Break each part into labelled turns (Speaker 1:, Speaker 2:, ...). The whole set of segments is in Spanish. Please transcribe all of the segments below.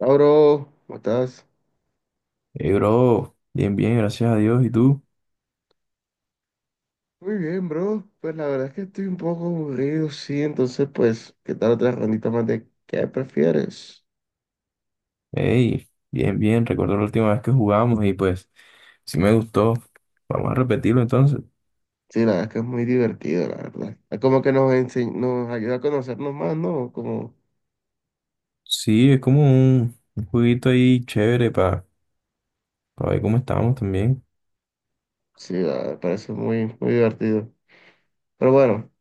Speaker 1: Ah, bro, ¿cómo estás?
Speaker 2: Hey, bro, bien, bien, gracias a Dios. ¿Y tú?
Speaker 1: Muy bien, bro. Pues la verdad es que estoy un poco aburrido, sí. Entonces, pues, ¿qué tal otra rondita más de qué prefieres?
Speaker 2: Hey, bien, bien. Recuerdo la última vez que jugamos y pues sí me gustó. Vamos a repetirlo entonces.
Speaker 1: Sí, la verdad es que es muy divertido, la verdad. Es como que nos ayuda a conocernos más, ¿no? Como,
Speaker 2: Sí, es como un jueguito ahí chévere para ver cómo estábamos también.
Speaker 1: sí, la verdad, me parece muy, muy divertido. Pero bueno,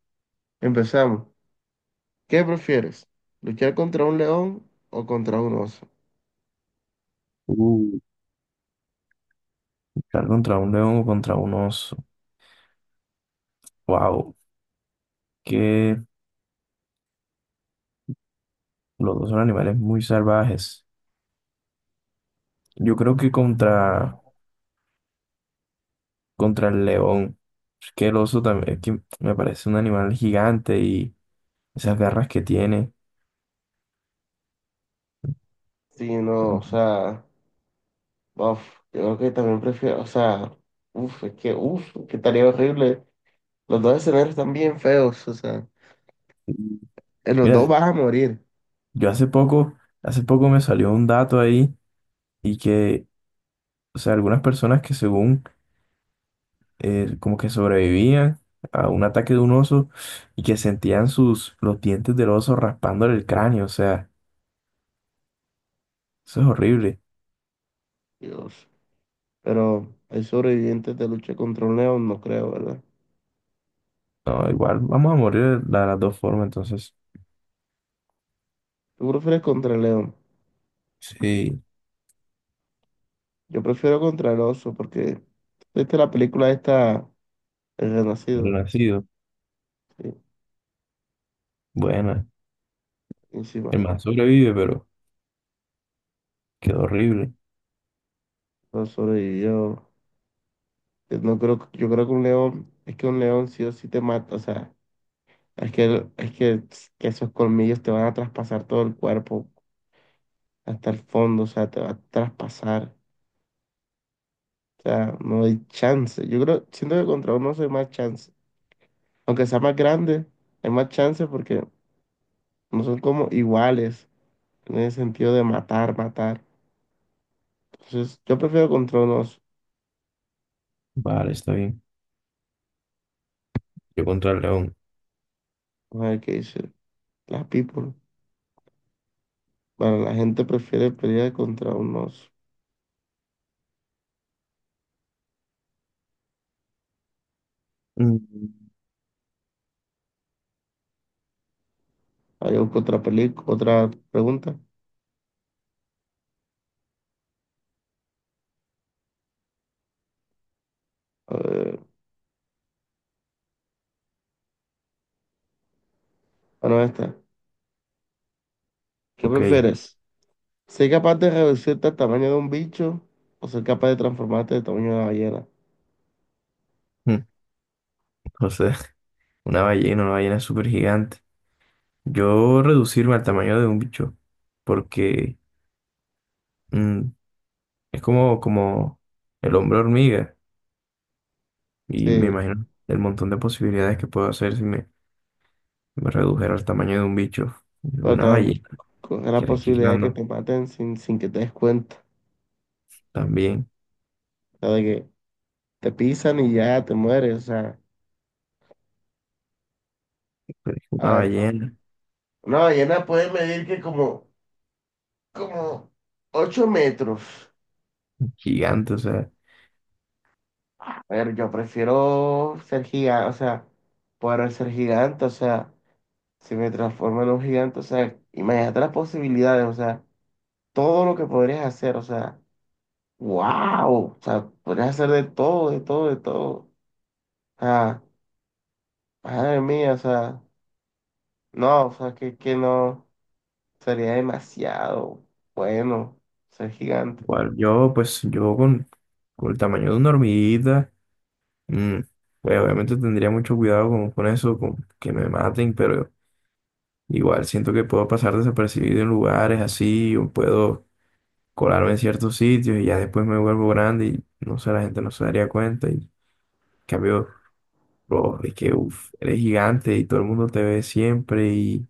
Speaker 1: empezamos. ¿Qué prefieres? ¿Luchar contra un león o contra un oso?
Speaker 2: Uh, Luchar contra un león o contra un oso. Wow, que los dos son animales muy salvajes. Yo creo que contra el león. Es que el oso también, es que me parece un animal gigante y esas garras que tiene.
Speaker 1: Sí, no, o sea, uf, yo creo que también prefiero, o sea, uf, es que, uf, que estaría horrible. Los dos escenarios están bien feos, o sea, en los dos
Speaker 2: Mira,
Speaker 1: vas a morir,
Speaker 2: yo hace poco me salió un dato ahí y que, o sea, algunas personas que según como que sobrevivían a un ataque de un oso y que sentían sus, los dientes del oso raspándole el cráneo, o sea, eso es horrible.
Speaker 1: Dios. Pero hay sobrevivientes de lucha contra un león, no creo, ¿verdad?
Speaker 2: No, igual vamos a morir de las dos formas, entonces,
Speaker 1: ¿Tú prefieres contra el león?
Speaker 2: sí,
Speaker 1: Yo prefiero contra el oso, porque viste la película esta, El
Speaker 2: el
Speaker 1: Renacido,
Speaker 2: nacido,
Speaker 1: sí,
Speaker 2: buena,
Speaker 1: encima.
Speaker 2: el man sobrevive, pero quedó horrible.
Speaker 1: No sobrevivió. No creo, yo creo que un león, es que un león sí o sí te mata, o sea, es que, es que esos colmillos te van a traspasar todo el cuerpo hasta el fondo, o sea, te va a traspasar. O sea, no hay chance. Yo creo, siento que contra unos hay más chance. Aunque sea más grande, hay más chance porque no son como iguales en el sentido de matar, matar. Entonces, yo prefiero contra unos.
Speaker 2: Vale, está bien. Yo contra el león.
Speaker 1: Vamos a ver qué dice. Las people. Bueno, la gente prefiere pelear contra unos.
Speaker 2: Mm,
Speaker 1: Hay otra película, otra pregunta. Eh, bueno, esta. ¿Qué
Speaker 2: ok,
Speaker 1: prefieres? ¿Ser capaz de reducirte al tamaño de un bicho o ser capaz de transformarte del tamaño de una ballena?
Speaker 2: no sé, una ballena súper gigante. Yo reducirme al tamaño de un bicho, porque mm, es como el hombre hormiga, y me
Speaker 1: Sí,
Speaker 2: imagino el montón de posibilidades que puedo hacer si me redujera al tamaño de un bicho. De
Speaker 1: pero
Speaker 2: una
Speaker 1: también
Speaker 2: ballena,
Speaker 1: con la
Speaker 2: que
Speaker 1: posibilidad de que
Speaker 2: requiriendo
Speaker 1: te maten sin que te des cuenta.
Speaker 2: también,
Speaker 1: O sea, de que te pisan y ya te mueres. O sea,
Speaker 2: pero es
Speaker 1: a
Speaker 2: una
Speaker 1: ver,
Speaker 2: ballena
Speaker 1: una ballena puede medir que como, como 8 metros.
Speaker 2: gigante, o sea,
Speaker 1: A ver, yo prefiero ser gigante, o sea, poder ser gigante, o sea, si me transformo en un gigante, o sea, imagínate las posibilidades, o sea, todo lo que podrías hacer, o sea, wow, o sea, podrías hacer de todo, de todo, de todo. O sea, madre mía, o sea, no, o sea, que no. Sería demasiado bueno ser gigante.
Speaker 2: igual yo, pues yo con el tamaño de una hormiguita, mm, pues obviamente tendría mucho cuidado con eso, con que me maten, pero igual siento que puedo pasar desapercibido en lugares así, o puedo colarme en ciertos sitios y ya después me vuelvo grande y no sé, la gente no se daría cuenta. Y en cambio, bro, es que uf, eres gigante y todo el mundo te ve siempre y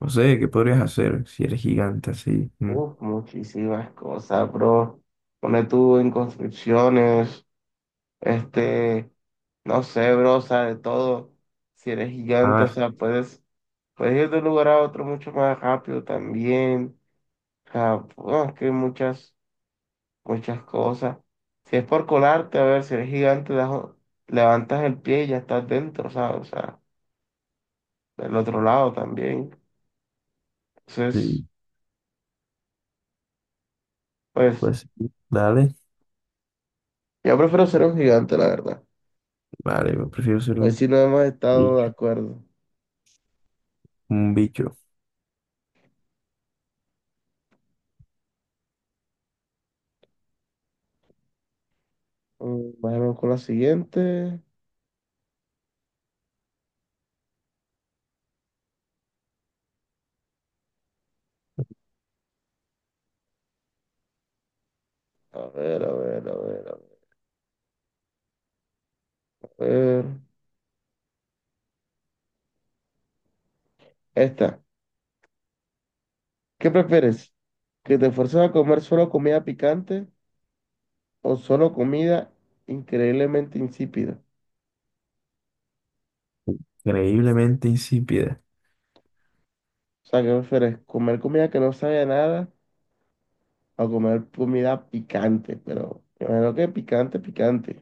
Speaker 2: no sé, ¿qué podrías hacer si eres gigante así? Mm.
Speaker 1: Uf, muchísimas cosas, bro. Pone tú en construcciones, este, no sé, bro, o sea, de todo. Si eres gigante, o
Speaker 2: Ah,
Speaker 1: sea, puedes, puedes ir de un lugar a otro mucho más rápido también. O sea, bueno, es que hay muchas, muchas cosas. Si es por colarte, a ver, si eres gigante, levantas el pie y ya estás dentro, ¿sabes? O sea, del otro lado también. Entonces,
Speaker 2: sí,
Speaker 1: pues.
Speaker 2: pues dale.
Speaker 1: Yo prefiero ser un gigante, la verdad.
Speaker 2: Vale, yo prefiero ser
Speaker 1: Hoy
Speaker 2: un
Speaker 1: sí no hemos estado de
Speaker 2: bicho,
Speaker 1: acuerdo.
Speaker 2: un bicho.
Speaker 1: Mm, vamos con la siguiente. A ver, a ver, a ver, a ver. Esta. ¿Qué prefieres? ¿Que te fuerces a comer solo comida picante o solo comida increíblemente insípida?
Speaker 2: Increíblemente insípida.
Speaker 1: O sea, ¿qué prefieres? ¿Comer comida que no sabe a nada o comer comida picante? Pero me imagino que picante, picante.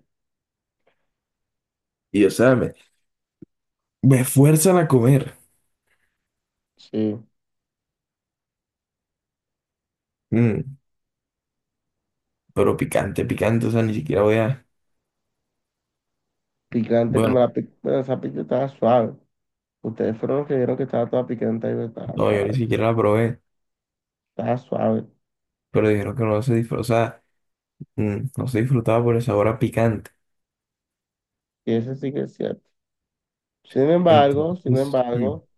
Speaker 2: Y o sea, me fuerzan a comer.
Speaker 1: Sí,
Speaker 2: Mm, pero picante, picante, o sea, ni siquiera voy a...
Speaker 1: picante como
Speaker 2: Bueno.
Speaker 1: bueno, esa pizza estaba suave. Ustedes fueron los que vieron que estaba toda picante y estaba
Speaker 2: No, yo ni
Speaker 1: suave.
Speaker 2: siquiera la probé,
Speaker 1: Está suave.
Speaker 2: pero dijeron que no se disfrutaba, no se disfrutaba por el sabor a picante.
Speaker 1: Y eso sí que es cierto. Sin embargo, sin
Speaker 2: Entonces,
Speaker 1: embargo,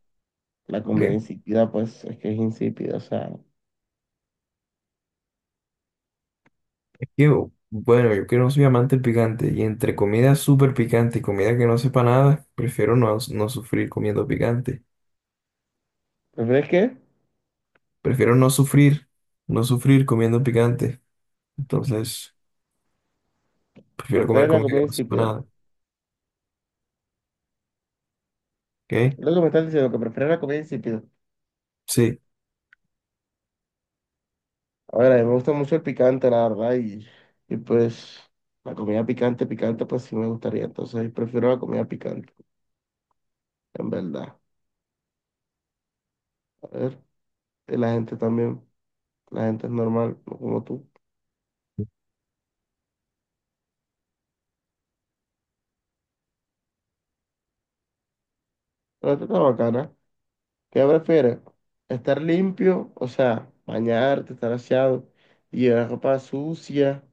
Speaker 1: la comida
Speaker 2: que-
Speaker 1: insípida, pues es que es insípida. O sea,
Speaker 2: es que, bueno, yo que no soy amante del picante, y entre comida súper picante y comida que no sepa nada, prefiero no sufrir comiendo picante.
Speaker 1: ¿prefieres qué?
Speaker 2: Prefiero no sufrir, no sufrir comiendo picante. Entonces, prefiero comer
Speaker 1: ¿Prefieres la
Speaker 2: comida que
Speaker 1: comida
Speaker 2: no sepa
Speaker 1: insípida?
Speaker 2: nada. ¿Ok?
Speaker 1: Es lo que me estás diciendo, que prefieres la comida insípida.
Speaker 2: Sí.
Speaker 1: A ver, a mí me gusta mucho el picante, la verdad, y pues la comida picante, picante, pues sí me gustaría. Entonces, prefiero la comida picante, en verdad. A ver, y la gente también, la gente es normal, no como tú. Pero tú estás bacana. ¿Qué prefieres? ¿Estar limpio, o sea, bañarte, estar aseado y llevar ropa sucia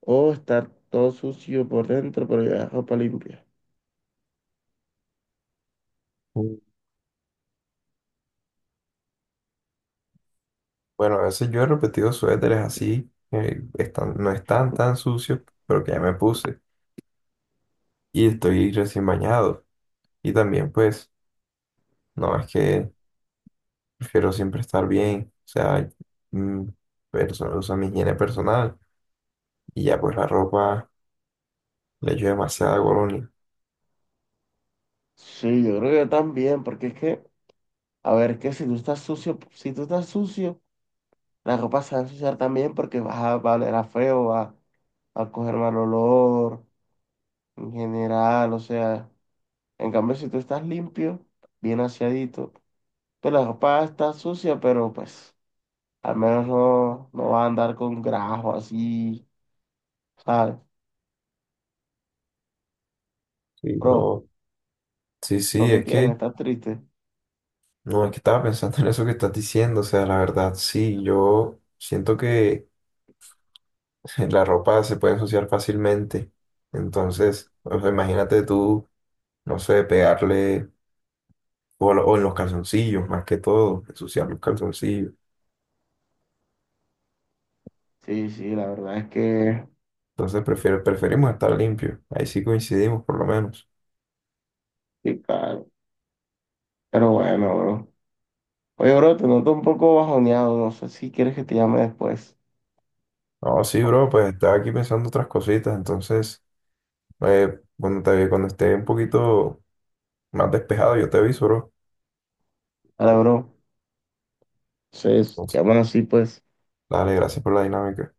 Speaker 1: o estar todo sucio por dentro pero llevar ropa limpia?
Speaker 2: Mm, Bueno, a veces yo he repetido suéteres así, no están tan sucios, pero que ya me puse, y estoy recién bañado. Y también, pues, no, es que prefiero siempre estar bien, o sea, mm, o sea, mi higiene personal y ya, pues, la ropa le echo demasiada colonia.
Speaker 1: Sí, yo creo que yo también, porque es que, a ver, que si tú estás sucio, si tú estás sucio, la ropa se va a ensuciar también porque va a oler a feo, va, va a coger mal olor en general, o sea, en cambio si tú estás limpio, bien aseadito, pues la ropa está sucia, pero pues... Al menos no vas a andar con grajo así, ¿sabes?
Speaker 2: Sí,
Speaker 1: Bro,
Speaker 2: bro. Sí,
Speaker 1: lo
Speaker 2: sí,
Speaker 1: que
Speaker 2: es
Speaker 1: tienes,
Speaker 2: que,
Speaker 1: estás triste.
Speaker 2: no, es que estaba pensando en eso que estás diciendo, o sea, la verdad, sí, yo siento que la ropa se puede ensuciar fácilmente. Entonces, o sea, imagínate tú, no sé, pegarle, o o en los calzoncillos, más que todo, ensuciar los calzoncillos.
Speaker 1: Sí, sí, la verdad es que
Speaker 2: Entonces prefiero, preferimos estar limpio. Ahí sí coincidimos, por lo menos.
Speaker 1: sí, claro. Pero bueno, bro. Oye, bro, te noto un poco bajoneado. No sé si quieres que te llame después.
Speaker 2: No, sí, bro, pues estaba aquí pensando otras cositas. Entonces, cuando esté un poquito más despejado, yo te aviso, bro.
Speaker 1: Vale, bro. Entonces,
Speaker 2: Entonces,
Speaker 1: quedamos así, pues.
Speaker 2: dale, gracias por la dinámica.